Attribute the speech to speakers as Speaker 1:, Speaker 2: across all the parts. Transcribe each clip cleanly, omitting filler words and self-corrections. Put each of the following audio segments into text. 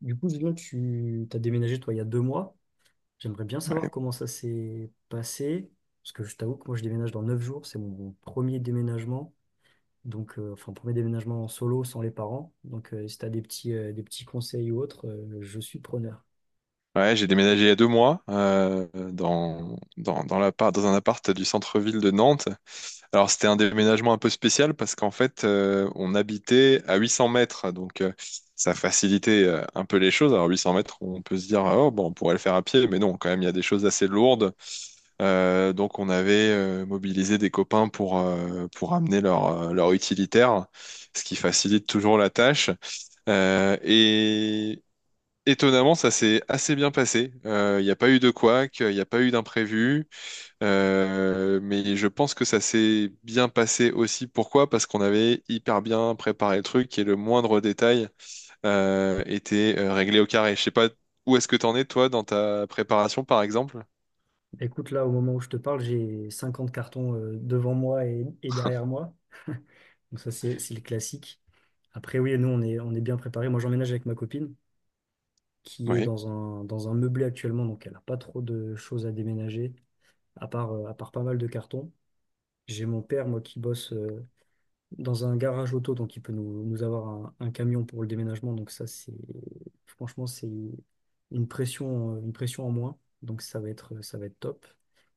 Speaker 1: Du coup, là, tu as déménagé, toi, il y a 2 mois. J'aimerais bien savoir comment ça s'est passé. Parce que je t'avoue que moi, je déménage dans 9 jours. C'est mon premier déménagement. Donc, enfin, premier déménagement en solo, sans les parents. Donc, si tu as des petits conseils ou autres, je suis preneur.
Speaker 2: Ouais, j'ai déménagé il y a deux mois, dans un appart du centre-ville de Nantes. Alors c'était un déménagement un peu spécial parce qu'en fait, on habitait à 800 mètres, donc ça facilitait, un peu les choses. Alors 800 mètres, on peut se dire oh bon, on pourrait le faire à pied, mais non, quand même il y a des choses assez lourdes. Donc on avait mobilisé des copains pour amener leur leur utilitaire, ce qui facilite toujours la tâche. Euh, et Étonnamment, ça s'est assez bien passé. Il n'y a pas eu de couac, il n'y a pas eu d'imprévu. Mais je pense que ça s'est bien passé aussi. Pourquoi? Parce qu'on avait hyper bien préparé le truc, et le moindre détail était réglé au carré. Je sais pas où est-ce que tu en es, toi, dans ta préparation, par exemple.
Speaker 1: Écoute, là, au moment où je te parle, j'ai 50 cartons, devant moi et derrière moi. Donc, ça, c'est le classique. Après, oui, nous, on est bien préparés. Moi, j'emménage avec ma copine qui est
Speaker 2: Oui.
Speaker 1: dans un meublé actuellement. Donc, elle n'a pas trop de choses à déménager. À part pas mal de cartons. J'ai mon père, moi, qui bosse dans un garage auto, donc il peut nous avoir un camion pour le déménagement. Donc ça, c'est franchement, c'est une pression en moins. Donc ça va être top.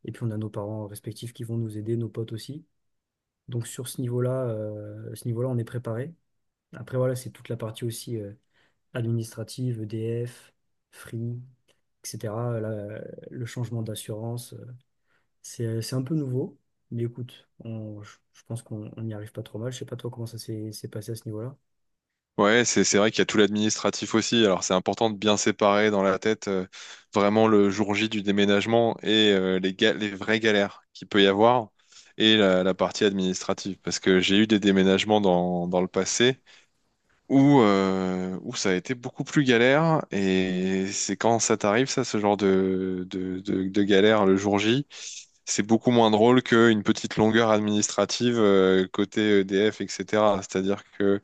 Speaker 1: Et puis on a nos parents respectifs qui vont nous aider, nos potes aussi. Donc sur ce niveau-là, on est préparé. Après, voilà, c'est toute la partie aussi administrative, EDF, Free, etc. la- le changement d'assurance. C'est un peu nouveau, mais écoute, je pense qu'on on n'y arrive pas trop mal. Je sais pas toi comment ça s'est passé à ce niveau-là.
Speaker 2: Ouais, c'est vrai qu'il y a tout l'administratif aussi. Alors c'est important de bien séparer dans la tête, vraiment, le jour J du déménagement, et les vraies galères qu'il peut y avoir, et la partie administrative. Parce que j'ai eu des déménagements dans le passé où où ça a été beaucoup plus galère. Et c'est quand ça t'arrive, ça, ce genre de galère le jour J. C'est beaucoup moins drôle qu'une petite longueur administrative, côté EDF, etc. C'est-à-dire que,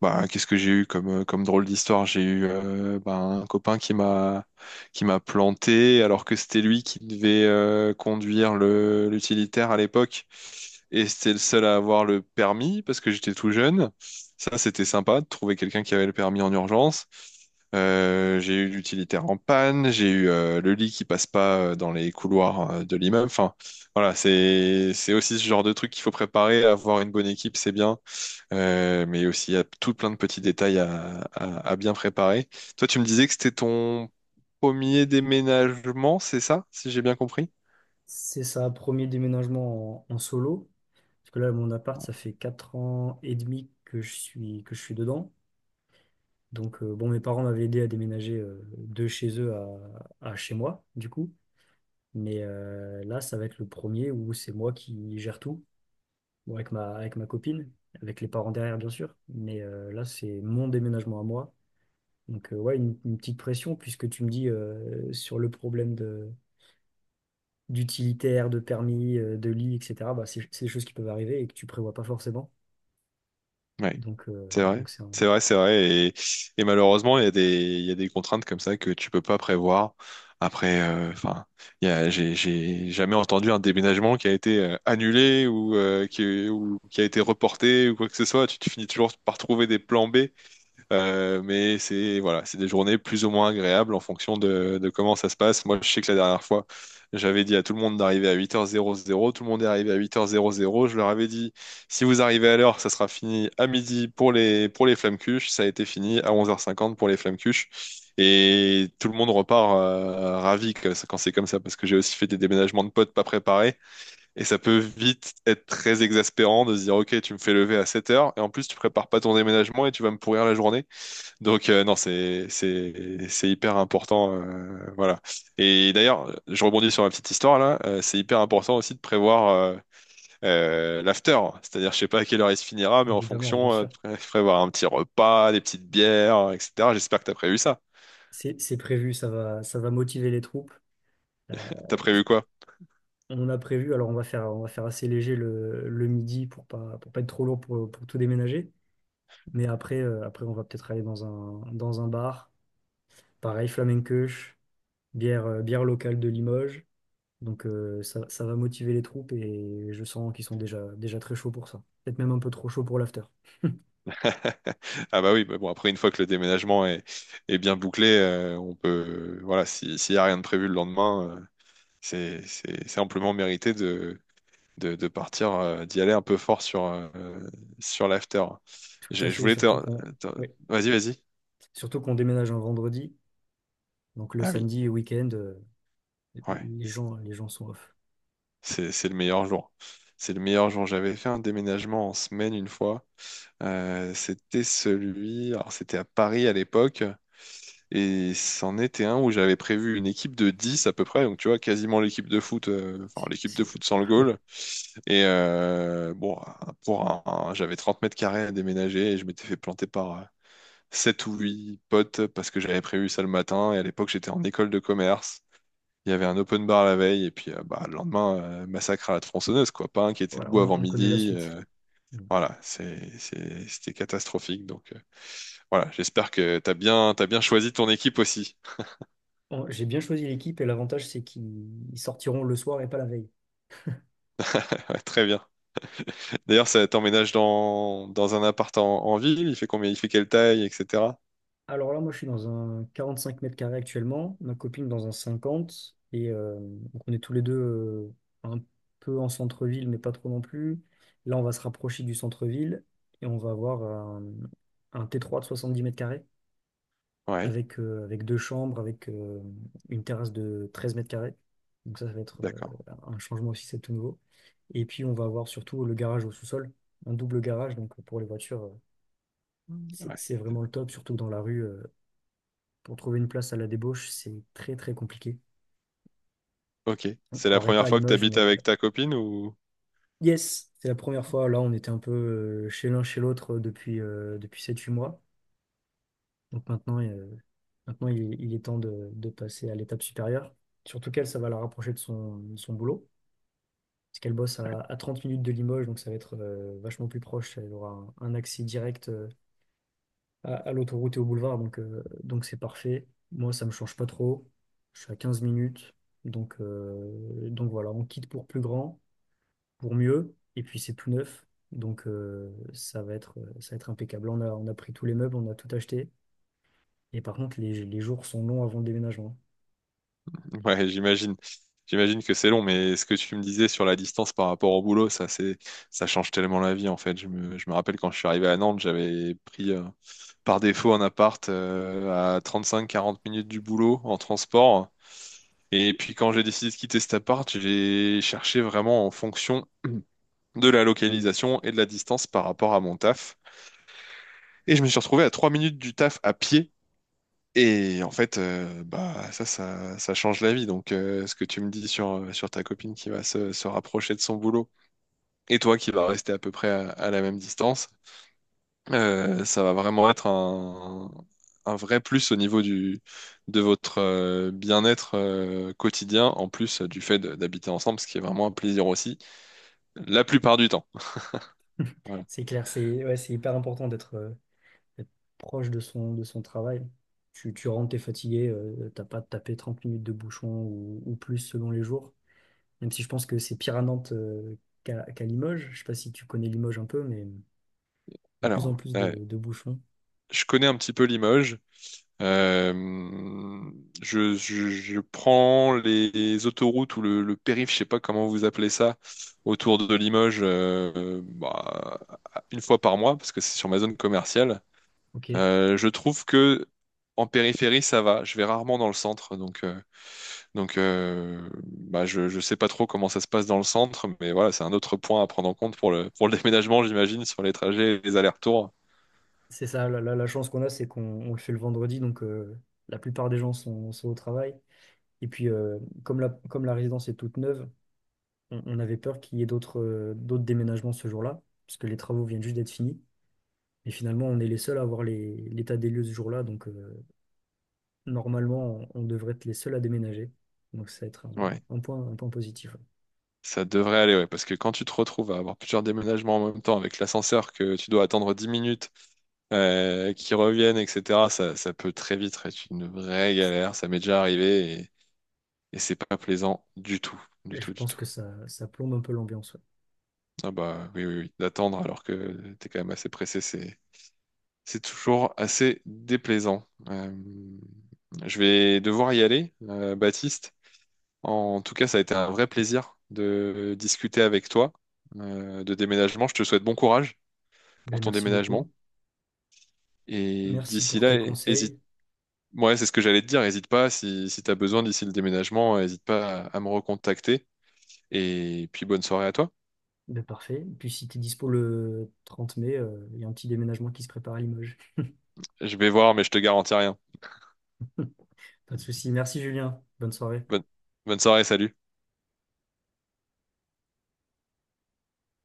Speaker 2: bah, qu'est-ce que j'ai eu comme, comme drôle d'histoire? J'ai eu, bah, un copain qui m'a planté alors que c'était lui qui devait conduire le l'utilitaire à l'époque, et c'était le seul à avoir le permis parce que j'étais tout jeune. Ça, c'était sympa de trouver quelqu'un qui avait le permis en urgence. J'ai eu l'utilitaire en panne, j'ai eu le lit qui passe pas dans les couloirs de l'immeuble. Enfin, voilà, c'est aussi ce genre de truc qu'il faut préparer. Avoir une bonne équipe, c'est bien. Mais aussi, il y a tout plein de petits détails à, à bien préparer. Toi, tu me disais que c'était ton premier déménagement, c'est ça, si j'ai bien compris?
Speaker 1: C'est ça, premier déménagement en solo. Parce que là, mon appart, ça fait 4 ans et demi que que je suis dedans. Donc, bon, mes parents m'avaient aidé à déménager de chez eux à chez moi, du coup. Mais là, ça va être le premier où c'est moi qui gère tout, bon, avec ma copine, avec les parents derrière, bien sûr. Mais là, c'est mon déménagement à moi. Donc, ouais, une petite pression, puisque tu me dis sur le problème d'utilitaire, de permis, de lit, etc., bah, c'est des choses qui peuvent arriver et que tu prévois pas forcément.
Speaker 2: Oui,
Speaker 1: Donc, euh,
Speaker 2: c'est vrai.
Speaker 1: donc c'est un-
Speaker 2: C'est vrai, c'est vrai. Et malheureusement, il y a des, il y a des contraintes comme ça que tu peux pas prévoir. Après, enfin, j'ai jamais entendu un déménagement qui a été annulé, ou, ou qui a été reporté, ou quoi que ce soit. Tu finis toujours par trouver des plans B. Mais c'est, voilà, c'est des journées plus ou moins agréables en fonction de comment ça se passe. Moi, je sais que la dernière fois, j'avais dit à tout le monde d'arriver à 8h00, tout le monde est arrivé à 8h00. Je leur avais dit, si vous arrivez à l'heure, ça sera fini à midi pour les flammes-cuches. Ça a été fini à 11h50 pour les flammes-cuches, et tout le monde repart ravi quand c'est comme ça, parce que j'ai aussi fait des déménagements de potes pas préparés, et ça peut vite être très exaspérant de se dire, ok, tu me fais lever à 7h, et en plus tu prépares pas ton déménagement et tu vas me pourrir la journée. Donc, non, c'est hyper important, voilà. Et d'ailleurs, je rebondis sur ma petite histoire là. C'est hyper important aussi de prévoir, l'after, c'est-à-dire, je sais pas à quelle heure il se finira, mais en
Speaker 1: Évidemment, bien
Speaker 2: fonction,
Speaker 1: sûr.
Speaker 2: prévoir un petit repas, des petites bières, etc. J'espère que t'as prévu ça.
Speaker 1: C'est prévu, ça va motiver les troupes. Euh,
Speaker 2: T'as prévu quoi?
Speaker 1: on a prévu, alors on va faire assez léger le midi pour pas être trop lourd pour tout déménager. Mais après on va peut-être aller dans un bar. Pareil, flamencoche, bière locale de Limoges. Donc ça, ça va motiver les troupes et je sens qu'ils sont déjà très chauds pour ça. Peut-être même un peu trop chauds pour l'after.
Speaker 2: Ah bah oui, bah bon, après, une fois que le déménagement est bien bouclé, on peut, voilà, si s'il y a rien de prévu le lendemain, c'est c'est amplement mérité de partir, d'y aller un peu fort sur, sur l'after.
Speaker 1: Tout à
Speaker 2: Je
Speaker 1: fait,
Speaker 2: voulais te...
Speaker 1: surtout qu'on
Speaker 2: te-
Speaker 1: oui.
Speaker 2: Vas-y, vas-y.
Speaker 1: Surtout qu'on déménage un vendredi. Donc le
Speaker 2: Ah oui,
Speaker 1: samedi et week-end,
Speaker 2: ouais.
Speaker 1: les gens sont off.
Speaker 2: C'est le meilleur jour. C'est le meilleur jour. J'avais fait un déménagement en semaine une fois. C'était celui... Alors, c'était à Paris à l'époque. Et c'en était un où j'avais prévu une équipe de 10 à peu près. Donc, tu vois, quasiment l'équipe de foot, enfin, l'équipe de
Speaker 1: C'est-
Speaker 2: foot sans le
Speaker 1: oui.
Speaker 2: goal. Et, bon, pour j'avais 30 mètres carrés à déménager, et je m'étais fait planter par, sept ou 8 potes, parce que j'avais prévu ça le matin. Et à l'époque, j'étais en école de commerce. Il y avait un open bar la veille. Et puis, bah, le lendemain, massacre à la tronçonneuse, quoi. Pas un qui était
Speaker 1: Voilà,
Speaker 2: debout
Speaker 1: on,
Speaker 2: avant
Speaker 1: on connaît la
Speaker 2: midi.
Speaker 1: suite. Mm.
Speaker 2: Voilà, c'est, c'était catastrophique. Donc, voilà, j'espère que t'as bien choisi ton équipe aussi.
Speaker 1: Bon, j'ai bien choisi l'équipe et l'avantage, c'est qu'ils ils sortiront le soir et pas la veille.
Speaker 2: Très bien. D'ailleurs, ça, t'emménage dans, dans un appart en, en ville, il fait combien, il fait quelle taille, etc.
Speaker 1: Alors là, moi, je suis dans un 45 mètres carrés actuellement, ma copine dans un 50, et donc on est tous les deux un peu en centre-ville, mais pas trop non plus. Là, on va se rapprocher du centre-ville et on va avoir un T3 de 70 mètres carrés
Speaker 2: Ouais,
Speaker 1: avec, avec deux chambres, avec une terrasse de 13 mètres carrés. Donc ça va être
Speaker 2: d'accord.
Speaker 1: un changement aussi, c'est tout nouveau. Et puis, on va avoir surtout le garage au sous-sol, un double garage, donc pour les voitures,
Speaker 2: Mm.
Speaker 1: c'est
Speaker 2: Ouais.
Speaker 1: c'est vraiment le top, surtout que dans la rue. Pour trouver une place à la débauche, c'est très très compliqué.
Speaker 2: Ok.
Speaker 1: On ne
Speaker 2: C'est la
Speaker 1: croirait pas
Speaker 2: première
Speaker 1: à
Speaker 2: fois que tu
Speaker 1: Limoges,
Speaker 2: habites
Speaker 1: mais
Speaker 2: avec ta copine, ou...
Speaker 1: yes, c'est la première fois. Là, on était un peu chez l'un chez l'autre depuis sept-huit mois. Donc maintenant il est temps de passer à l'étape supérieure. Surtout qu'elle, ça va la rapprocher de son boulot. Parce qu'elle bosse à 30 minutes de Limoges, donc ça va être vachement plus proche. Elle aura un accès direct à l'autoroute et au boulevard, donc donc c'est parfait. Moi, ça me change pas trop. Je suis à 15 minutes, donc donc voilà, on quitte pour plus grand, pour mieux, et puis c'est tout neuf, donc ça va être impeccable. Là, on a pris tous les meubles, on a tout acheté, et par contre les jours sont longs avant le déménagement.
Speaker 2: Ouais, j'imagine. J'imagine que c'est long, mais ce que tu me disais sur la distance par rapport au boulot, ça, c'est, ça change tellement la vie, en fait. Je me rappelle, quand je suis arrivé à Nantes, j'avais pris par défaut un appart à 35 à 40 minutes du boulot en transport. Et puis, quand j'ai décidé de quitter cet appart, j'ai cherché vraiment en fonction de la localisation et de la distance par rapport à mon taf. Et je me suis retrouvé à 3 minutes du taf à pied, et en fait, bah, ça, ça change la vie. Donc, ce que tu me dis sur, sur ta copine qui va se rapprocher de son boulot, et toi qui vas rester à peu près à la même distance, ça va vraiment être un vrai plus au niveau du, de votre bien-être quotidien, en plus, du fait d'habiter ensemble, ce qui est vraiment un plaisir aussi, la plupart du temps. Voilà.
Speaker 1: C'est clair, c'est ouais, c'est hyper important d'être proche de son travail. Tu rentres, t'es fatigué, t'as pas tapé 30 minutes de bouchon ou plus selon les jours. Même si je pense que c'est pire à Nantes qu'à Limoges. Je sais pas si tu connais Limoges un peu, mais de plus en
Speaker 2: Alors,
Speaker 1: plus de bouchons.
Speaker 2: je connais un petit peu Limoges. Euh, je prends les autoroutes ou le périph', je sais pas comment vous appelez ça, autour de Limoges, bah, une fois par mois, parce que c'est sur ma zone commerciale.
Speaker 1: Ok.
Speaker 2: Je trouve que en périphérie, ça va. Je vais rarement dans le centre, donc, bah, je sais pas trop comment ça se passe dans le centre, mais voilà, c'est un autre point à prendre en compte pour le déménagement, j'imagine, sur les trajets et les allers-retours.
Speaker 1: C'est ça, la chance qu'on a, c'est qu'on on le fait le vendredi, donc la plupart des gens sont au travail. Et puis, comme la résidence est toute neuve, on avait peur qu'il y ait d'autres déménagements ce jour-là, parce que les travaux viennent juste d'être finis. Et finalement, on est les seuls à avoir l'état des lieux ce jour-là, donc normalement, on devrait être les seuls à déménager. Donc ça va être
Speaker 2: Ouais,
Speaker 1: un point positif.
Speaker 2: ça devrait aller, ouais, parce que quand tu te retrouves à avoir plusieurs déménagements en même temps, avec l'ascenseur que tu dois attendre 10 minutes, qu'ils reviennent, etc., ça, ça peut très vite être une vraie galère. Ça m'est déjà arrivé, et c'est pas plaisant du tout, du
Speaker 1: Je
Speaker 2: tout, du
Speaker 1: pense
Speaker 2: tout.
Speaker 1: que ça plombe un peu l'ambiance. Ouais.
Speaker 2: Ah bah oui, oui, oui, d'attendre alors que t'es quand même assez pressé, c'est toujours assez déplaisant. Je vais devoir y aller, Baptiste. En tout cas, ça a été un vrai plaisir de discuter avec toi de déménagement. Je te souhaite bon courage
Speaker 1: Ben,
Speaker 2: pour ton
Speaker 1: merci
Speaker 2: déménagement.
Speaker 1: beaucoup.
Speaker 2: Et
Speaker 1: Merci
Speaker 2: d'ici
Speaker 1: pour
Speaker 2: là,
Speaker 1: tes
Speaker 2: hésite.
Speaker 1: conseils.
Speaker 2: Ouais, c'est ce que j'allais te dire. Hésite pas, si, si tu as besoin d'ici le déménagement, hésite pas à, à me recontacter. Et puis bonne soirée à toi.
Speaker 1: Ben, parfait. Et puis si tu es dispo le 30 mai, il y a un petit déménagement qui se prépare à Limoges.
Speaker 2: Je vais voir, mais je te garantis rien.
Speaker 1: Pas de souci. Merci Julien. Bonne soirée.
Speaker 2: Bonne, bonne soirée, salut.